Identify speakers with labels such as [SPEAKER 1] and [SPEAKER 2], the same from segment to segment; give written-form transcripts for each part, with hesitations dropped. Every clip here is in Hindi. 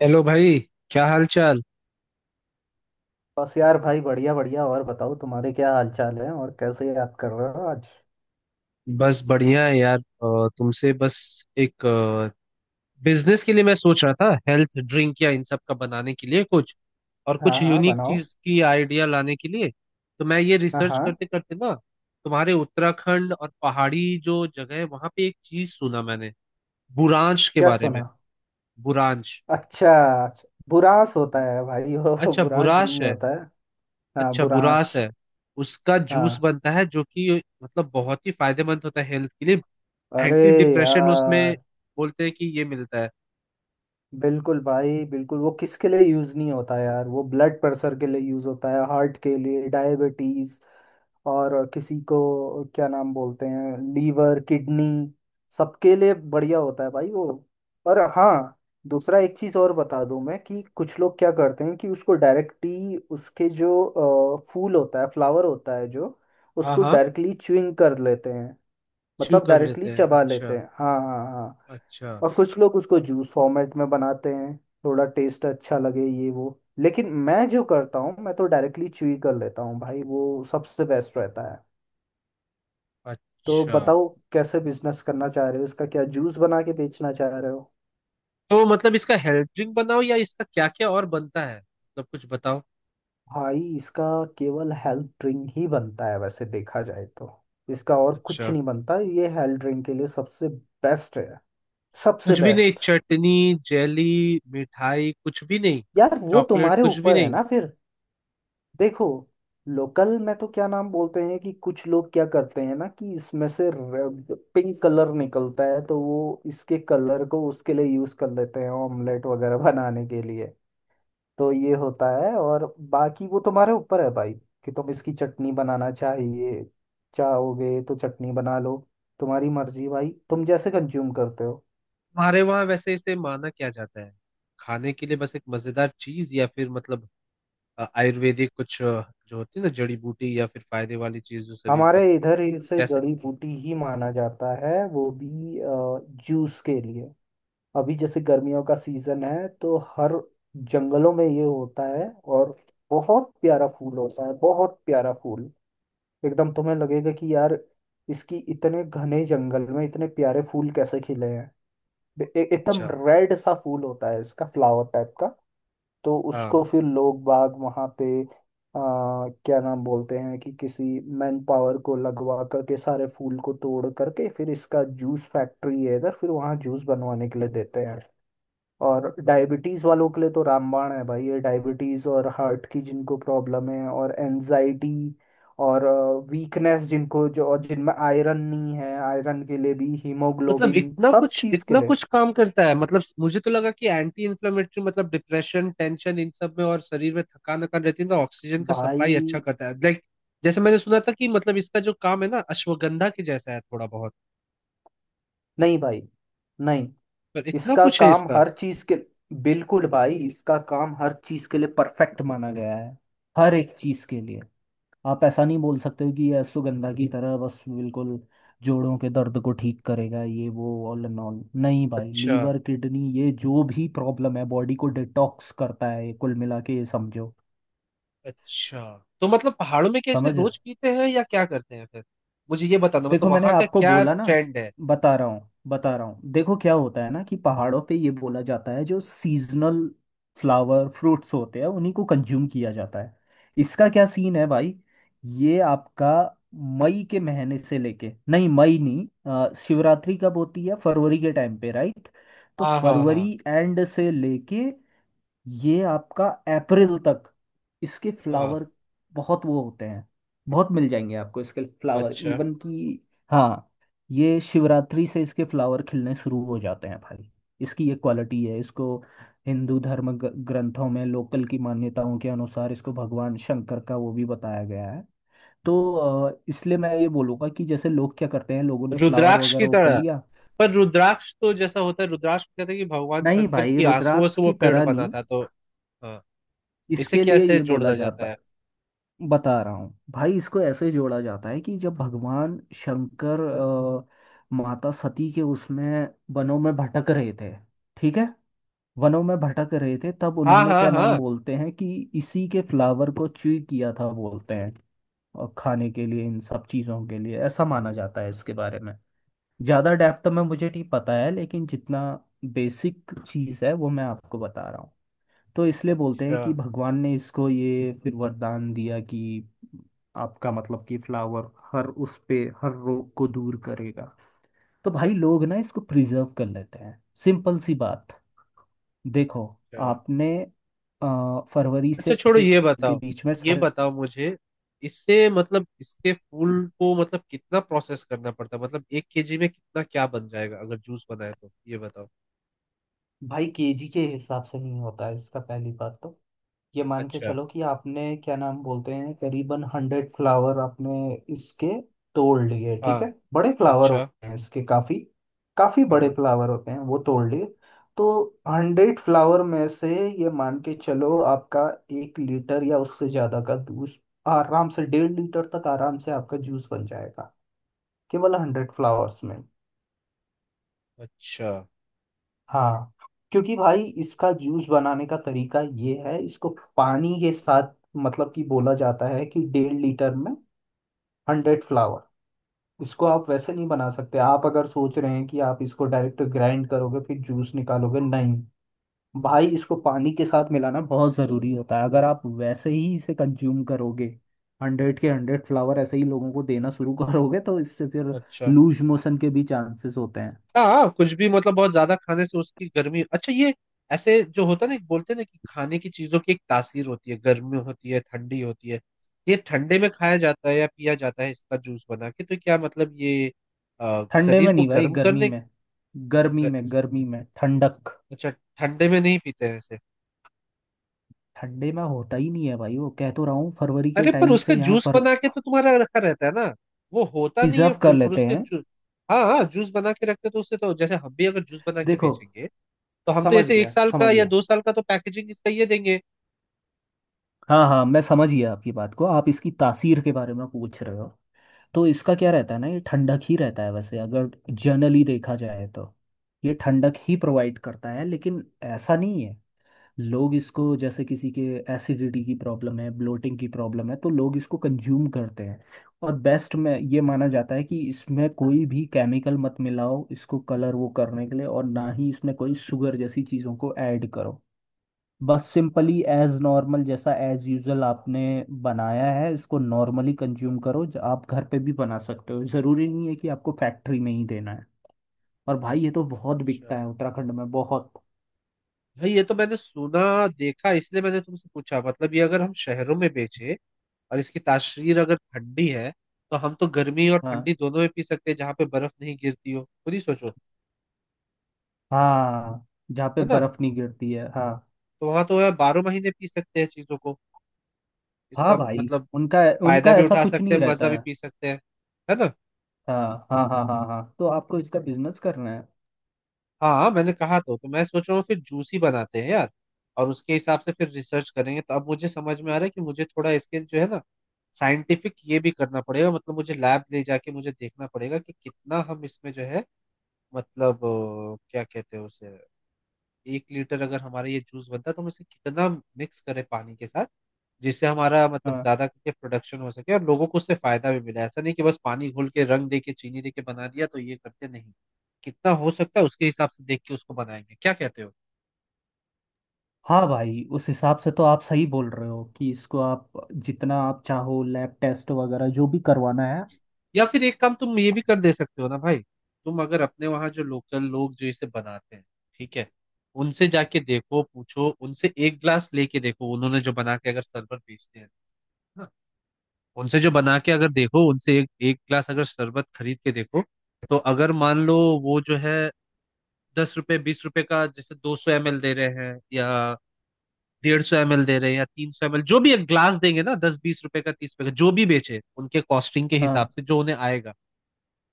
[SPEAKER 1] हेलो भाई। क्या हाल चाल।
[SPEAKER 2] बस यार भाई बढ़िया बढ़िया। और बताओ तुम्हारे क्या हालचाल है, और कैसे याद कर रहे हो आज।
[SPEAKER 1] बस बढ़िया है यार। तुमसे बस एक बिजनेस के लिए मैं सोच रहा था, हेल्थ ड्रिंक या इन सब का बनाने के लिए कुछ, और
[SPEAKER 2] हाँ
[SPEAKER 1] कुछ
[SPEAKER 2] हाँ,
[SPEAKER 1] यूनिक
[SPEAKER 2] बनाओ।
[SPEAKER 1] चीज की आइडिया लाने के लिए। तो मैं ये
[SPEAKER 2] हाँ
[SPEAKER 1] रिसर्च
[SPEAKER 2] हाँ।
[SPEAKER 1] करते करते ना, तुम्हारे उत्तराखंड और पहाड़ी जो जगह है वहां पे एक चीज सुना मैंने, बुरांश के
[SPEAKER 2] क्या
[SPEAKER 1] बारे में।
[SPEAKER 2] सुना?
[SPEAKER 1] बुरांश।
[SPEAKER 2] अच्छा। अच्छा, बुरांस होता है भाई वो
[SPEAKER 1] अच्छा
[SPEAKER 2] बुरांस
[SPEAKER 1] बुराश
[SPEAKER 2] नहीं
[SPEAKER 1] है।
[SPEAKER 2] होता है। हाँ,
[SPEAKER 1] अच्छा
[SPEAKER 2] बुरांस।
[SPEAKER 1] बुराश है। उसका जूस
[SPEAKER 2] हाँ।
[SPEAKER 1] बनता है जो कि मतलब बहुत ही फायदेमंद होता है हेल्थ के लिए।
[SPEAKER 2] अरे।
[SPEAKER 1] एंटी डिप्रेशन
[SPEAKER 2] यार।
[SPEAKER 1] उसमें बोलते हैं कि ये मिलता है।
[SPEAKER 2] बिल्कुल भाई बिल्कुल, वो किसके लिए यूज नहीं होता यार, वो ब्लड प्रेशर के लिए यूज होता है, हार्ट के लिए, डायबिटीज, और किसी को क्या नाम बोलते हैं, लीवर किडनी, सबके लिए बढ़िया होता है भाई वो। और हाँ, दूसरा एक चीज और बता दूं मैं कि कुछ लोग क्या करते हैं कि उसको डायरेक्टली उसके जो फूल होता है, फ्लावर होता है, जो
[SPEAKER 1] हाँ
[SPEAKER 2] उसको
[SPEAKER 1] हाँ।
[SPEAKER 2] डायरेक्टली च्युइंग कर लेते हैं।
[SPEAKER 1] च्यू
[SPEAKER 2] मतलब
[SPEAKER 1] कर
[SPEAKER 2] डायरेक्टली
[SPEAKER 1] लेते हैं।
[SPEAKER 2] चबा लेते
[SPEAKER 1] अच्छा।
[SPEAKER 2] हैं। हाँ हाँ हाँ।
[SPEAKER 1] अच्छा।
[SPEAKER 2] और कुछ लोग उसको जूस फॉर्मेट में बनाते हैं। थोड़ा टेस्ट अच्छा लगे ये वो, लेकिन मैं जो करता हूँ, मैं तो डायरेक्टली च्यूई कर लेता हूँ भाई, वो सबसे बेस्ट रहता है। तो
[SPEAKER 1] अच्छा,
[SPEAKER 2] बताओ कैसे बिजनेस करना चाह रहे हो इसका? क्या जूस बना के बेचना चाह रहे हो?
[SPEAKER 1] तो मतलब इसका हेल्थ ड्रिंक बनाओ या इसका क्या क्या और बनता है, मतलब कुछ बताओ।
[SPEAKER 2] भाई इसका केवल हेल्थ ड्रिंक ही बनता है, वैसे देखा जाए तो। इसका और कुछ
[SPEAKER 1] अच्छा।
[SPEAKER 2] नहीं बनता, ये हेल्थ ड्रिंक के लिए सबसे बेस्ट है। सबसे
[SPEAKER 1] कुछ भी नहीं?
[SPEAKER 2] बेस्ट।
[SPEAKER 1] चटनी, जेली, मिठाई कुछ भी नहीं?
[SPEAKER 2] यार वो
[SPEAKER 1] चॉकलेट
[SPEAKER 2] तुम्हारे
[SPEAKER 1] कुछ भी
[SPEAKER 2] ऊपर है
[SPEAKER 1] नहीं?
[SPEAKER 2] ना फिर। देखो, लोकल में तो क्या नाम बोलते हैं कि कुछ लोग क्या करते हैं ना कि इसमें से रेड पिंक कलर निकलता है, तो वो इसके कलर को उसके लिए यूज कर लेते हैं, ऑमलेट वगैरह बनाने के लिए। तो ये होता है। और बाकी वो तुम्हारे ऊपर है भाई कि तुम इसकी चटनी बनाना चाहिए। चाहोगे तो चटनी बना लो, तुम्हारी मर्जी भाई, तुम जैसे कंज्यूम करते हो।
[SPEAKER 1] हमारे वहाँ वैसे इसे माना क्या जाता है? खाने के लिए बस एक मजेदार चीज, या फिर मतलब आयुर्वेदिक कुछ, जो होती है ना, जड़ी बूटी, या फिर फायदे वाली चीज जो शरीर पर।
[SPEAKER 2] हमारे इधर इसे
[SPEAKER 1] कैसे?
[SPEAKER 2] जड़ी बूटी ही माना जाता है वो भी, जूस के लिए। अभी जैसे गर्मियों का सीजन है, तो हर जंगलों में ये होता है। और बहुत प्यारा फूल होता है, बहुत प्यारा फूल। एकदम तुम्हें लगेगा कि यार, इसकी इतने घने जंगल में इतने प्यारे फूल कैसे खिले हैं। एकदम
[SPEAKER 1] अच्छा।
[SPEAKER 2] रेड सा फूल होता है इसका, फ्लावर टाइप का। तो
[SPEAKER 1] हाँ।
[SPEAKER 2] उसको फिर लोग बाग वहाँ पे क्या नाम बोलते हैं कि किसी मैन पावर को लगवा करके सारे फूल को तोड़ करके, फिर इसका जूस फैक्ट्री है इधर, फिर वहाँ जूस बनवाने के लिए देते हैं। और डायबिटीज़ वालों के लिए तो रामबाण है भाई ये। डायबिटीज़ और हार्ट की जिनको प्रॉब्लम है, और एनजाइटी, और वीकनेस जिनको, जो और जिनमें आयरन नहीं है, आयरन के लिए भी,
[SPEAKER 1] मतलब
[SPEAKER 2] हीमोग्लोबिन, सब चीज़ के
[SPEAKER 1] इतना
[SPEAKER 2] लिए।
[SPEAKER 1] कुछ काम करता है? मतलब मुझे तो लगा कि एंटी इन्फ्लेमेटरी, मतलब डिप्रेशन, टेंशन इन सब में, और शरीर में थकान वकान रहती है तो ऑक्सीजन का
[SPEAKER 2] भाई
[SPEAKER 1] सप्लाई अच्छा करता है, लाइक जैसे मैंने सुना था कि मतलब इसका जो काम है ना, अश्वगंधा के जैसा है थोड़ा बहुत,
[SPEAKER 2] नहीं भाई नहीं।
[SPEAKER 1] पर इतना
[SPEAKER 2] इसका
[SPEAKER 1] कुछ है
[SPEAKER 2] काम
[SPEAKER 1] इसका?
[SPEAKER 2] हर चीज़ के, बिल्कुल भाई इसका काम हर चीज़ के लिए परफेक्ट माना गया है। हर एक चीज़ के लिए। आप ऐसा नहीं बोल सकते हो कि यह सुगंधा की तरह बस बिल्कुल जोड़ों के दर्द को ठीक करेगा ये वो। All and all. नहीं भाई,
[SPEAKER 1] अच्छा।
[SPEAKER 2] लीवर किडनी ये जो भी प्रॉब्लम है, बॉडी को डिटॉक्स करता है ये, कुल मिला के ये समझो।
[SPEAKER 1] अच्छा, तो मतलब पहाड़ों में कैसे
[SPEAKER 2] समझ।
[SPEAKER 1] रोज पीते हैं या क्या करते हैं फिर? मुझे ये बताना, मतलब
[SPEAKER 2] देखो मैंने
[SPEAKER 1] वहां का
[SPEAKER 2] आपको
[SPEAKER 1] क्या
[SPEAKER 2] बोला ना,
[SPEAKER 1] ट्रेंड है?
[SPEAKER 2] बता रहा हूँ बता रहा हूँ। देखो क्या होता है ना कि पहाड़ों पे ये बोला जाता है, जो सीजनल फ्लावर फ्रूट्स होते हैं उन्हीं को कंज्यूम किया जाता है। इसका क्या सीन है भाई, ये आपका मई के महीने से लेके, नहीं मई नहीं, शिवरात्रि कब होती है, फरवरी के टाइम पे, राइट। तो
[SPEAKER 1] हाँ हाँ हाँ
[SPEAKER 2] फरवरी एंड से लेके ये आपका अप्रैल तक इसके
[SPEAKER 1] हाँ।
[SPEAKER 2] फ्लावर बहुत वो होते हैं, बहुत मिल जाएंगे आपको इसके फ्लावर,
[SPEAKER 1] अच्छा।
[SPEAKER 2] इवन कि हाँ, ये शिवरात्रि से इसके फ्लावर खिलने शुरू हो जाते हैं भाई। इसकी ये क्वालिटी है। इसको हिंदू धर्म ग्रंथों में लोकल की मान्यताओं के अनुसार इसको भगवान शंकर का वो भी बताया गया है। तो इसलिए मैं ये बोलूँगा कि जैसे लोग क्या करते हैं, लोगों ने फ्लावर
[SPEAKER 1] रुद्राक्ष की
[SPEAKER 2] वगैरह वो कर
[SPEAKER 1] तरह?
[SPEAKER 2] लिया।
[SPEAKER 1] पर रुद्राक्ष तो जैसा होता है, रुद्राक्ष में कहते हैं कि भगवान
[SPEAKER 2] नहीं
[SPEAKER 1] शंकर
[SPEAKER 2] भाई,
[SPEAKER 1] की आंसुओं
[SPEAKER 2] रुद्राक्ष
[SPEAKER 1] से वो
[SPEAKER 2] की
[SPEAKER 1] पेड़
[SPEAKER 2] तरह
[SPEAKER 1] बना
[SPEAKER 2] नहीं।
[SPEAKER 1] था तो। हाँ। इसे
[SPEAKER 2] इसके लिए
[SPEAKER 1] कैसे
[SPEAKER 2] ये बोला
[SPEAKER 1] जोड़ा जाता
[SPEAKER 2] जाता,
[SPEAKER 1] है?
[SPEAKER 2] बता रहा हूँ भाई, इसको ऐसे जोड़ा जाता है कि जब भगवान शंकर माता सती के उसमें वनों में भटक रहे थे, ठीक है, वनों में भटक रहे थे, तब
[SPEAKER 1] हाँ
[SPEAKER 2] उन्होंने
[SPEAKER 1] हाँ
[SPEAKER 2] क्या नाम
[SPEAKER 1] हाँ।
[SPEAKER 2] बोलते हैं कि इसी के फ्लावर को च्यूई किया था, बोलते हैं। और खाने के लिए इन सब चीज़ों के लिए ऐसा माना जाता है। इसके बारे में ज़्यादा डेप्थ में मुझे नहीं पता है, लेकिन जितना बेसिक चीज़ है वो मैं आपको बता रहा हूँ। तो इसलिए बोलते हैं
[SPEAKER 1] अच्छा।
[SPEAKER 2] कि भगवान ने इसको ये फिर वरदान दिया कि आपका मतलब कि फ्लावर हर उस पे हर रोग को दूर करेगा। तो भाई लोग ना इसको प्रिजर्व कर लेते हैं, सिंपल सी बात। देखो,
[SPEAKER 1] अच्छा।
[SPEAKER 2] आपने फरवरी
[SPEAKER 1] अच्छा
[SPEAKER 2] से
[SPEAKER 1] छोड़ो, ये
[SPEAKER 2] के
[SPEAKER 1] बताओ।
[SPEAKER 2] बीच में
[SPEAKER 1] ये
[SPEAKER 2] सारे,
[SPEAKER 1] बताओ मुझे, इससे मतलब इसके फूल को मतलब कितना प्रोसेस करना पड़ता है, मतलब 1 केजी में कितना क्या बन जाएगा अगर जूस बनाए, तो ये बताओ।
[SPEAKER 2] भाई केजी के हिसाब से नहीं होता है इसका, पहली बात तो। ये मान के
[SPEAKER 1] अच्छा।
[SPEAKER 2] चलो कि आपने क्या नाम बोलते हैं, करीबन 100 फ्लावर आपने इसके तोड़ लिए, ठीक
[SPEAKER 1] हाँ।
[SPEAKER 2] है? बड़े फ्लावर
[SPEAKER 1] अच्छा।
[SPEAKER 2] होते हैं इसके, काफी काफी बड़े
[SPEAKER 1] हाँ।
[SPEAKER 2] फ्लावर होते हैं, वो तोड़ लिए। तो 100 फ्लावर में से ये मान के चलो आपका 1 लीटर या उससे ज्यादा का जूस, आराम से 1.5 लीटर तक आराम से आपका जूस बन जाएगा, केवल 100 फ्लावर्स में।
[SPEAKER 1] अच्छा।
[SPEAKER 2] हाँ। क्योंकि भाई इसका जूस बनाने का तरीका ये है, इसको पानी के साथ, मतलब कि बोला जाता है कि 1.5 लीटर में 100 फ्लावर। इसको आप वैसे नहीं बना सकते। आप अगर सोच रहे हैं कि आप इसको डायरेक्ट ग्राइंड करोगे फिर जूस निकालोगे, नहीं भाई, इसको पानी के साथ मिलाना बहुत ज़रूरी होता है। अगर आप वैसे ही इसे कंज्यूम करोगे, 100 के 100 फ्लावर ऐसे ही लोगों को देना शुरू करोगे, तो इससे फिर
[SPEAKER 1] अच्छा।
[SPEAKER 2] लूज मोशन के भी चांसेस होते हैं।
[SPEAKER 1] हाँ हाँ, कुछ भी मतलब बहुत ज्यादा खाने से उसकी गर्मी। अच्छा, ये ऐसे जो होता है ना, बोलते हैं ना कि खाने की चीजों की एक तासीर होती है, गर्मी होती है, ठंडी होती है। ये ठंडे में खाया जाता है या पिया जाता है इसका जूस बना के, तो क्या मतलब ये
[SPEAKER 2] ठंडे
[SPEAKER 1] शरीर
[SPEAKER 2] में
[SPEAKER 1] को
[SPEAKER 2] नहीं भाई,
[SPEAKER 1] गर्म
[SPEAKER 2] गर्मी
[SPEAKER 1] करने?
[SPEAKER 2] में। गर्मी
[SPEAKER 1] ग-
[SPEAKER 2] में, गर्मी में ठंडक।
[SPEAKER 1] अच्छा। ठंडे में नहीं पीते हैं इसे?
[SPEAKER 2] ठंडे में होता ही नहीं है भाई वो, कह तो रहा हूँ फरवरी के
[SPEAKER 1] अरे, पर
[SPEAKER 2] टाइम
[SPEAKER 1] उसका
[SPEAKER 2] से यहाँ
[SPEAKER 1] जूस
[SPEAKER 2] फर,
[SPEAKER 1] बना के तो तुम्हारा रखा रहता है ना? वो होता नहीं है
[SPEAKER 2] प्रिजर्व कर
[SPEAKER 1] फूल, पर
[SPEAKER 2] लेते
[SPEAKER 1] उसके
[SPEAKER 2] हैं।
[SPEAKER 1] जू हाँ हाँ, जूस बना के रखते, तो उससे तो, जैसे हम भी अगर जूस बना के
[SPEAKER 2] देखो,
[SPEAKER 1] बेचेंगे, तो हम तो
[SPEAKER 2] समझ
[SPEAKER 1] ऐसे एक
[SPEAKER 2] गया
[SPEAKER 1] साल का
[SPEAKER 2] समझ
[SPEAKER 1] या
[SPEAKER 2] गया,
[SPEAKER 1] 2 साल का तो पैकेजिंग इसका ये देंगे।
[SPEAKER 2] हाँ हाँ मैं समझ गया आपकी बात को, आप इसकी तासीर के बारे में पूछ रहे हो। तो इसका क्या रहता है ना, ये ठंडक ही रहता है वैसे अगर जनरली देखा जाए तो। ये ठंडक ही प्रोवाइड करता है, लेकिन ऐसा नहीं है। लोग इसको, जैसे किसी के एसिडिटी की प्रॉब्लम है, ब्लोटिंग की प्रॉब्लम है, तो लोग इसको कंज्यूम करते हैं। और बेस्ट में ये माना जाता है कि इसमें कोई भी केमिकल मत मिलाओ, इसको कलर वो करने के लिए, और ना ही इसमें कोई शुगर जैसी चीज़ों को ऐड करो। बस सिंपली एज नॉर्मल, जैसा एज यूजल आपने बनाया है, इसको नॉर्मली कंज्यूम करो। आप घर पे भी बना सकते हो, ज़रूरी नहीं है कि आपको फैक्ट्री में ही देना है। और भाई ये तो बहुत
[SPEAKER 1] अच्छा।
[SPEAKER 2] बिकता है उत्तराखंड में, बहुत।
[SPEAKER 1] भाई ये तो मैंने सुना, देखा, इसलिए मैंने तुमसे पूछा। मतलब ये अगर हम शहरों में बेचे, और इसकी तासीर अगर ठंडी है, तो हम तो गर्मी और
[SPEAKER 2] हाँ।
[SPEAKER 1] ठंडी दोनों में पी सकते हैं जहाँ पे बर्फ नहीं गिरती हो, खुद ही सोचो।
[SPEAKER 2] हाँ, जहाँ पे
[SPEAKER 1] है ना?
[SPEAKER 2] बर्फ नहीं गिरती है, हाँ।
[SPEAKER 1] तो वहां तो यार 12 महीने पी सकते हैं चीजों को।
[SPEAKER 2] हाँ
[SPEAKER 1] इसका
[SPEAKER 2] भाई
[SPEAKER 1] मतलब
[SPEAKER 2] उनका,
[SPEAKER 1] फायदा
[SPEAKER 2] उनका
[SPEAKER 1] भी
[SPEAKER 2] ऐसा
[SPEAKER 1] उठा
[SPEAKER 2] कुछ
[SPEAKER 1] सकते
[SPEAKER 2] नहीं
[SPEAKER 1] हैं,
[SPEAKER 2] रहता
[SPEAKER 1] मजा भी
[SPEAKER 2] है।
[SPEAKER 1] पी सकते हैं। है ना?
[SPEAKER 2] हाँ हाँ हाँ हाँ हाँ, तो आपको इसका बिजनेस करना है।
[SPEAKER 1] हाँ हाँ, मैंने कहा तो मैं सोच रहा हूँ फिर जूस ही बनाते हैं यार, और उसके हिसाब से फिर रिसर्च करेंगे। तो अब मुझे समझ में आ रहा है कि मुझे थोड़ा इसके जो है ना, साइंटिफिक ये भी करना पड़ेगा, मतलब मुझे लैब ले जाके मुझे देखना पड़ेगा कि कितना हम इसमें जो है, मतलब क्या कहते हैं उसे, 1 लीटर अगर हमारा ये जूस बनता है तो हम इसे कितना मिक्स करें पानी के साथ, जिससे हमारा मतलब
[SPEAKER 2] हाँ
[SPEAKER 1] ज्यादा करके प्रोडक्शन हो सके और लोगों को उससे फायदा भी मिला। ऐसा नहीं कि बस पानी घोल के, रंग दे के, चीनी दे के बना दिया, तो ये करते नहीं। कितना हो सकता है उसके हिसाब से देख के उसको बनाएंगे, क्या कहते हो?
[SPEAKER 2] हाँ भाई, उस हिसाब से तो आप सही बोल रहे हो कि इसको आप जितना आप चाहो लैब टेस्ट वगैरह जो भी करवाना है।
[SPEAKER 1] या फिर एक काम तुम ये भी कर दे सकते हो ना भाई, तुम अगर अपने वहां जो लोकल लोग जो इसे बनाते हैं, ठीक है, उनसे जाके देखो, पूछो उनसे, एक ग्लास लेके देखो, उन्होंने जो बना के अगर शरबत बेचते हैं ना, उनसे जो बना के अगर देखो, उनसे एक एक ग्लास अगर शरबत खरीद के देखो, तो अगर मान लो वो जो है, 10 रुपए 20 रुपए का जैसे, 200 ML दे रहे हैं, या 150 ML दे रहे हैं, या 300 ML जो भी एक ग्लास देंगे ना, 10-20 रुपए का, 30 रुपए का जो भी बेचे उनके कॉस्टिंग के हिसाब
[SPEAKER 2] हाँ।
[SPEAKER 1] से जो उन्हें आएगा,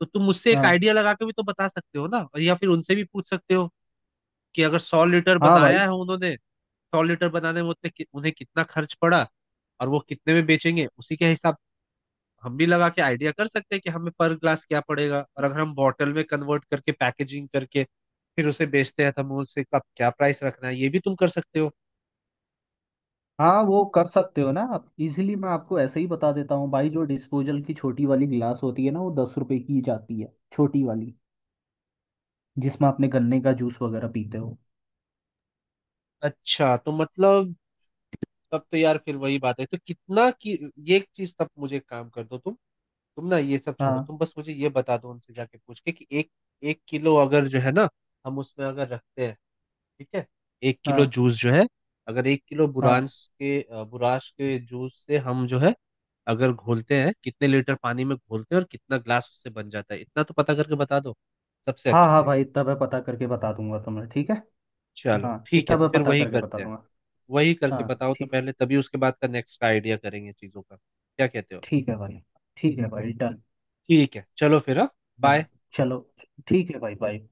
[SPEAKER 1] तो तुम मुझसे एक
[SPEAKER 2] हाँ।
[SPEAKER 1] आइडिया लगा के भी तो बता सकते हो ना, और या फिर उनसे भी पूछ सकते हो कि अगर 100 लीटर
[SPEAKER 2] हाँ
[SPEAKER 1] बनाया
[SPEAKER 2] भाई।
[SPEAKER 1] है उन्होंने, 100 लीटर बनाने में उन्हें कितना खर्च पड़ा, और वो कितने में बेचेंगे, उसी के हिसाब हम भी लगा के आइडिया कर सकते हैं कि हमें पर ग्लास क्या पड़ेगा, और अगर हम बॉटल में कन्वर्ट करके, पैकेजिंग करके फिर उसे बेचते हैं, तो हमें उससे कब क्या प्राइस रखना है, ये भी तुम कर सकते हो।
[SPEAKER 2] हाँ, वो कर सकते हो ना आप इजीली, मैं आपको ऐसे ही बता देता हूँ भाई, जो डिस्पोजल की छोटी वाली गिलास होती है ना, वो 10 रुपए की ही जाती है, छोटी वाली, जिसमें आपने गन्ने का जूस वगैरह पीते हो।
[SPEAKER 1] अच्छा, तो मतलब तब तो यार फिर वही बात है। तो कितना की ये एक चीज, तब मुझे एक काम कर दो तुम। तुम ना ये सब छोड़ो,
[SPEAKER 2] हाँ।
[SPEAKER 1] तुम बस मुझे ये बता दो उनसे जाके पूछ के कि एक 1 किलो अगर जो है ना, हम उसमें अगर रखते हैं, ठीक है, 1 किलो
[SPEAKER 2] हाँ।
[SPEAKER 1] जूस जो है, अगर 1 किलो
[SPEAKER 2] हाँ।
[SPEAKER 1] बुरांश के बुराश के जूस से हम जो है, अगर घोलते हैं कितने लीटर पानी में घोलते हैं और कितना ग्लास उससे बन जाता है, इतना तो पता करके बता दो, सबसे
[SPEAKER 2] हाँ,
[SPEAKER 1] अच्छा
[SPEAKER 2] हाँ
[SPEAKER 1] रहेगा।
[SPEAKER 2] भाई इतना मैं पता करके बता दूंगा तुम्हें, ठीक है।
[SPEAKER 1] चलो
[SPEAKER 2] हाँ,
[SPEAKER 1] ठीक है,
[SPEAKER 2] इतना
[SPEAKER 1] तो
[SPEAKER 2] मैं
[SPEAKER 1] फिर
[SPEAKER 2] पता
[SPEAKER 1] वही
[SPEAKER 2] करके बता
[SPEAKER 1] करते हैं।
[SPEAKER 2] दूंगा।
[SPEAKER 1] वही करके
[SPEAKER 2] हाँ
[SPEAKER 1] बताओ तो
[SPEAKER 2] ठीक।
[SPEAKER 1] पहले, तभी उसके बाद का नेक्स्ट का आइडिया करेंगे चीज़ों का, क्या कहते हो?
[SPEAKER 2] ठीक है भाई। ठीक है भाई, डन।
[SPEAKER 1] ठीक है चलो फिर। हाँ, बाय।
[SPEAKER 2] हाँ। चलो, ठीक है भाई, बाय।